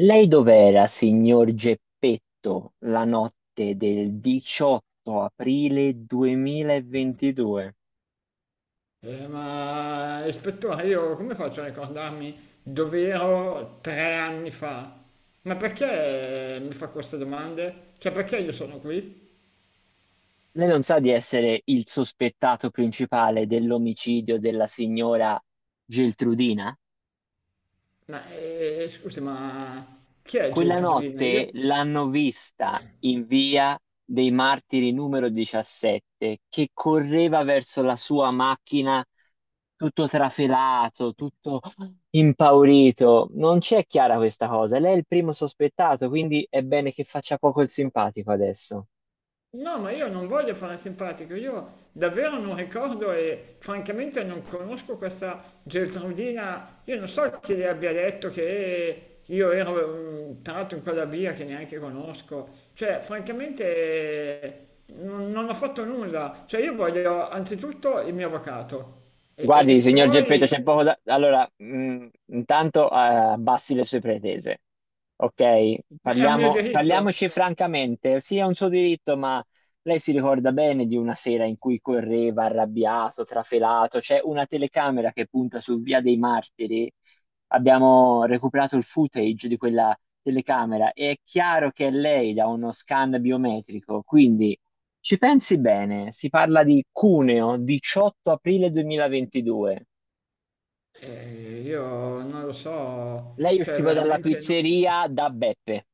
Lei dov'era, signor Geppetto, la notte del 18 aprile 2022? Ma ispettore, io come faccio a ricordarmi dove ero 3 anni fa? Ma perché mi fa queste domande? Cioè, perché io sono qui? Lei non sa di essere il sospettato principale dell'omicidio della signora Geltrudina? Ma scusi, ma chi è Quella Geltrudina? notte Io. l'hanno vista in via dei Martiri numero 17, che correva verso la sua macchina tutto trafelato, tutto impaurito. Non c'è chiara questa cosa. Lei è il primo sospettato, quindi è bene che faccia poco il simpatico adesso. No, ma io non voglio fare simpatico, io davvero non ricordo e francamente non conosco questa Geltrudina, io non so chi le abbia detto che io ero tratto in quella via che neanche conosco, cioè francamente eh, non ho fatto nulla, cioè io voglio anzitutto il mio avvocato e Guardi, signor Geppetto, poi, c'è poco da... Allora, intanto abbassi le sue pretese, ok? ma è un mio Parliamo, diritto. parliamoci francamente. Sì, è un suo diritto, ma lei si ricorda bene di una sera in cui correva arrabbiato, trafelato. C'è una telecamera che punta su Via dei Martiri. Abbiamo recuperato il footage di quella telecamera e è chiaro che è lei da uno scan biometrico, quindi... Ci pensi bene, si parla di Cuneo, 18 aprile 2022. Io non lo so, Lei cioè usciva dalla veramente non. pizzeria da Beppe.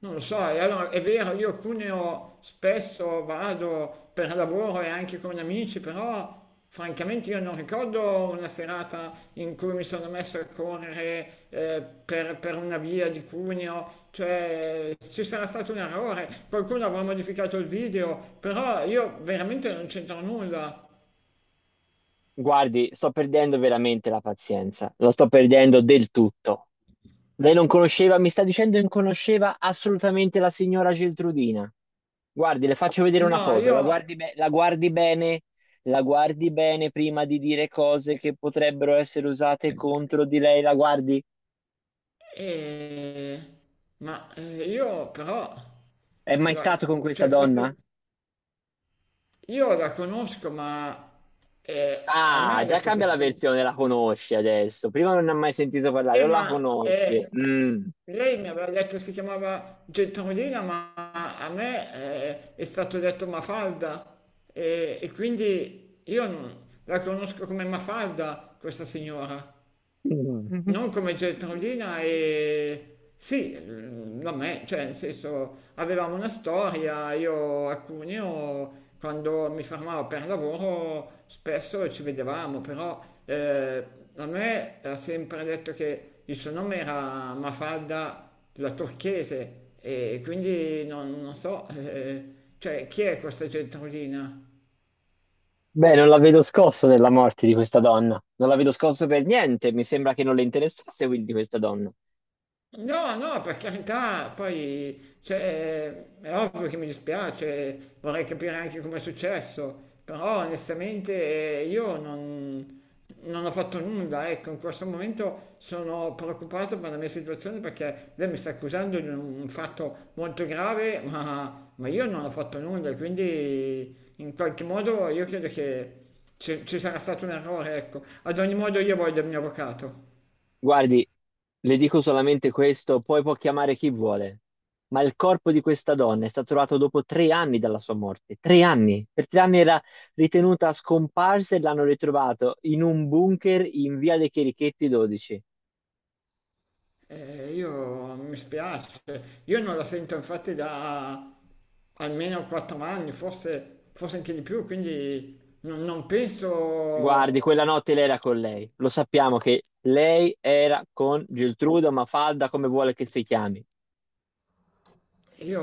Non lo so, e allora è vero, io a Cuneo spesso vado per lavoro e anche con amici, però francamente io non ricordo una serata in cui mi sono messo a correre per una via di Cuneo, cioè ci sarà stato un errore, qualcuno avrà modificato il video, però io veramente non c'entro nulla. Guardi, sto perdendo veramente la pazienza, lo sto perdendo del tutto. Lei non conosceva, mi sta dicendo che non conosceva assolutamente la signora Geltrudina. Guardi, le faccio vedere una No, foto, io. la guardi, la guardi bene prima di dire cose che potrebbero essere usate contro di lei, la guardi. Eh, ma io però. È mai stato la- con questa cioè questo. donna? Io la conosco, ma a me Ah, ha già detto che cambia si la chiama. versione, la conosci adesso. Prima non ne ha mai sentito parlare, o la Ma conosce. Mm. lei mi aveva detto che si chiamava Gentolina, ma a me è stato detto Mafalda. E quindi io la conosco come Mafalda, questa signora. Mm. Non come Geltrudina e. Sì, da me, cioè nel senso avevamo una storia, io a Cuneo quando mi fermavo per lavoro spesso ci vedevamo, però eh, a me ha sempre detto che il suo nome era Mafalda la Turchese e quindi non so, cioè chi è questa Geltrudina? Beh, non la vedo scosso nella morte di questa donna. Non la vedo scosso per niente. Mi sembra che non le interessasse quindi di questa donna. No, no, per carità, poi cioè, è ovvio che mi dispiace, vorrei capire anche come è successo, però onestamente io non ho fatto nulla, ecco, in questo momento sono preoccupato per la mia situazione perché lei mi sta accusando di un fatto molto grave, ma io non ho fatto nulla, quindi in qualche modo io credo che ci sarà stato un errore, ecco. Ad ogni modo io voglio il mio avvocato. Guardi, le dico solamente questo, poi può chiamare chi vuole. Ma il corpo di questa donna è stato trovato dopo 3 anni dalla sua morte. 3 anni. Per 3 anni era ritenuta scomparsa e l'hanno ritrovato in un bunker in via dei Cherichetti 12. Io mi spiace, io non la sento infatti da almeno 4 anni, forse anche di più, quindi non Guardi, penso, quella notte lei era con lei. Lo sappiamo che lei era con Geltrude o Mafalda, come vuole che si chiami. io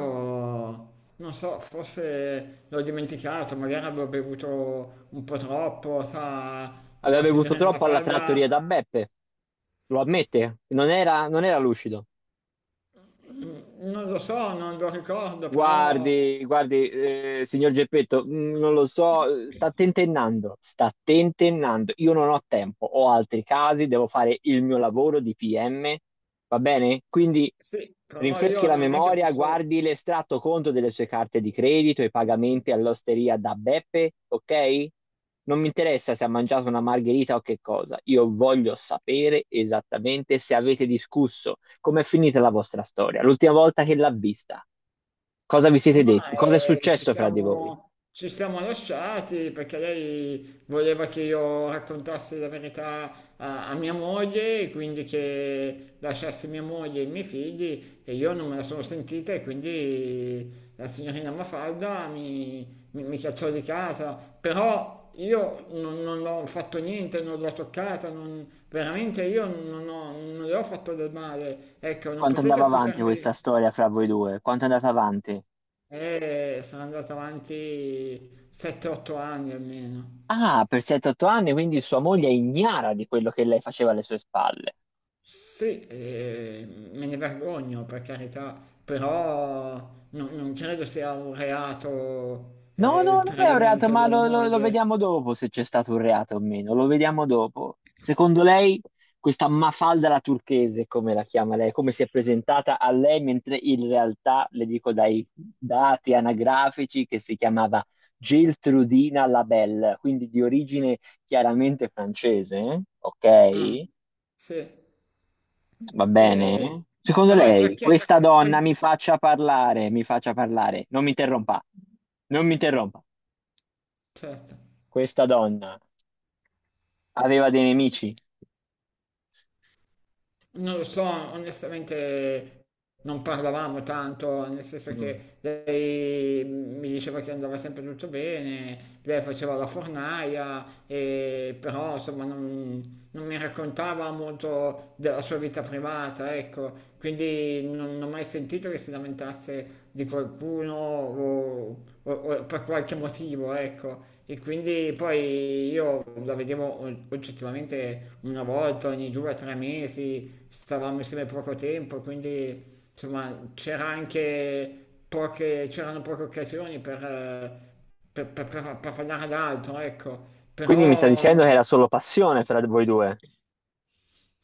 non so, forse l'ho dimenticato, magari avevo bevuto un po' troppo, sa, Aveva la bevuto signorina troppo alla trattoria Mafalda, da Beppe, lo ammette, non era, non era lucido. non lo so, non lo ricordo, però Guardi, guardi, signor Geppetto, non lo so, sta tentennando, sta tentennando. Io non ho tempo, ho altri casi, devo fare il mio lavoro di PM, va bene? Quindi sì, però rinfreschi io la non è che memoria, posso. guardi l'estratto conto delle sue carte di credito, i pagamenti all'osteria da Beppe, ok? Non mi interessa se ha mangiato una margherita o che cosa, io voglio sapere esattamente se avete discusso, com'è finita la vostra storia, l'ultima volta che l'ha vista. Cosa vi siete Ma detti? Cosa è ci successo fra di voi? siamo, ci siamo lasciati perché lei voleva che io raccontassi la verità a mia moglie, e quindi che lasciassi mia moglie e i miei figli e io non me la sono sentita e quindi la signorina Mafalda mi cacciò di casa. Però io non ho fatto niente, non l'ho toccata, veramente io non le ho fatto del male. Ecco, non Quanto potete andava avanti accusarmi questa di. storia fra voi due? Quanto è andata avanti? E sono andato avanti 7-8 anni almeno. Ah, per 7-8 anni, quindi sua moglie è ignara di quello che lei faceva alle sue spalle. Sì, e me ne vergogno per carità, però non credo sia un reato No, no, il non è un reato, tradimento ma della lo moglie. vediamo dopo se c'è stato un reato o meno. Lo vediamo dopo. Secondo lei, questa Mafalda la turchese, come la chiama lei, come si è presentata a lei, mentre in realtà, le dico dai dati anagrafici, che si chiamava Geltrudina Labelle, quindi di origine chiaramente francese, Ah, ok? sì. Va E- bene? Secondo Però è lei, perché... questa donna per- mi faccia parlare, non mi interrompa, non mi interrompa. Certo. Questa donna aveva dei nemici. Non lo so, onestamente non parlavamo tanto, nel senso Mm. che lei mi diceva che andava sempre tutto bene, lei faceva la fornaia, però insomma non mi raccontava molto della sua vita privata, ecco, quindi non ho mai sentito che si lamentasse di qualcuno o per qualche motivo, ecco. E quindi poi io la vedevo oggettivamente una volta ogni 2 o 3 mesi, cui stavamo insieme poco tempo, quindi insomma c'era anche poche occasioni per parlare ad altro, ecco. Quindi mi sta Però dicendo che era solo passione fra voi due. Io-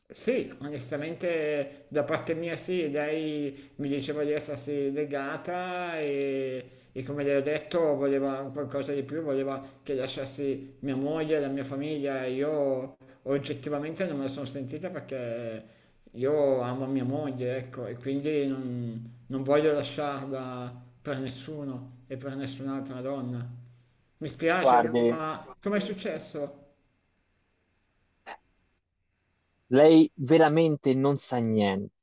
sì, onestamente da parte mia sì, lei mi diceva di essersi legata e come le ho detto voleva un qualcosa di più, voleva che lasciassi mia moglie, la mia famiglia. Io oggettivamente non me la sono sentita perché io amo mia moglie, ecco, e quindi non voglio lasciarla per nessuno e per nessun'altra donna. Mi spiace, Guardi, ma com'è successo? lei veramente non sa niente.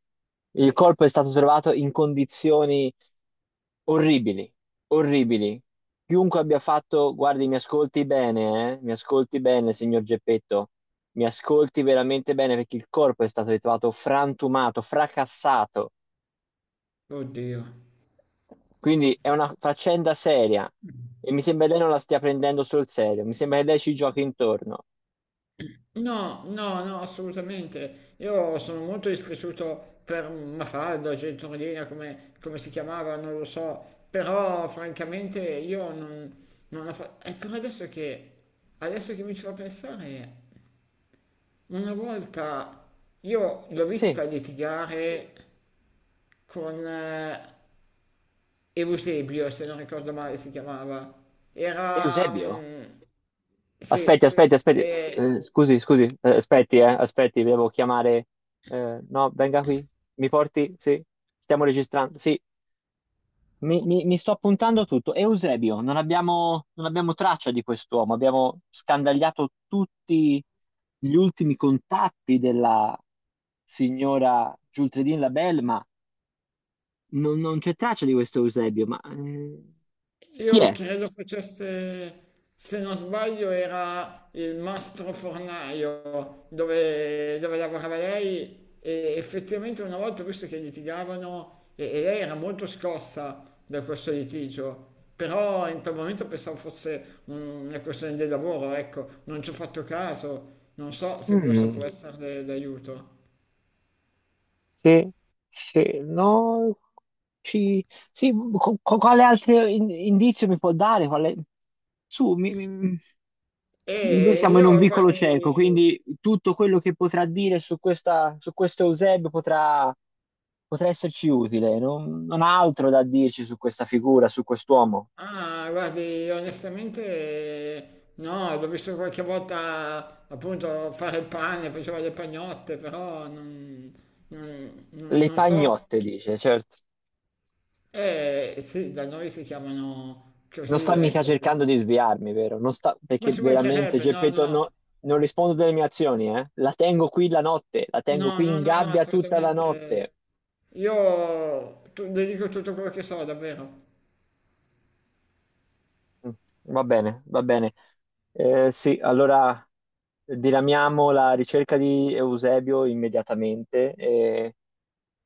Il corpo è stato trovato in condizioni orribili, orribili. Chiunque abbia fatto, guardi, mi ascolti bene, eh? Mi ascolti bene, signor Geppetto. Mi ascolti veramente bene perché il corpo è stato ritrovato frantumato, fracassato. Oddio. Quindi è una faccenda seria e mi sembra che lei non la stia prendendo sul serio. Mi sembra che lei ci giochi intorno. No, no, no, assolutamente. Io sono molto dispiaciuto per Mafalda, Gentorlina, come si chiamava, non lo so, però francamente io non, non la fa. E però adesso che mi ci fa pensare, una volta io l'ho Sì, vista litigare con Eusebio, se non ricordo male si chiamava. Era. Eusebio. Aspetti, Sì, aspetti, aspetti. e Scusi, scusi, aspetti, aspetti, devo chiamare. No, venga qui. Mi porti? Sì, stiamo registrando. Sì, mi sto appuntando tutto. Eusebio, non abbiamo traccia di quest'uomo. Abbiamo scandagliato tutti gli ultimi contatti della signora Giultredin Labelle, ma non c'è traccia di questo Eusebio. Ma chi Io è? credo facesse, se non sbaglio, era il mastro fornaio dove lavorava lei e effettivamente una volta, ho visto che litigavano, e lei era molto scossa da questo litigio, però in quel momento pensavo fosse una questione del lavoro, ecco, non ci ho fatto caso, non so se questo Mm. può essere d'aiuto. Sì, sì, no. Ci- sì, quale altro indizio mi può dare? Quale- Su, noi E siamo in io, un vicolo guardi. cieco, quindi tutto quello che potrà dire su questa, su questo Eusebio potrà, potrà esserci utile. Non ha altro da dirci su questa figura, su quest'uomo. Ah, guardi, onestamente no, l'ho visto qualche volta appunto fare il pane, faceva le pagnotte, però non, non- non- Le non so. pagnotte, dice, certo. Eh sì, da noi si chiamano Non così, sta mica ecco. cercando di sviarmi, vero? Non sta, Ma perché ci veramente, mancherebbe, no, Geppetto, no, non rispondo delle mie azioni, eh? La tengo qui la notte, la tengo no, qui no, in no, no, gabbia tutta la assolutamente. notte. Io le dico tutto quello che so, davvero. Mm. Va bene, va bene. Sì, allora diramiamo la ricerca di Eusebio immediatamente. E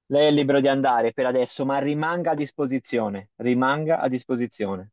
lei è libero di andare per adesso, ma rimanga a disposizione. Rimanga a disposizione.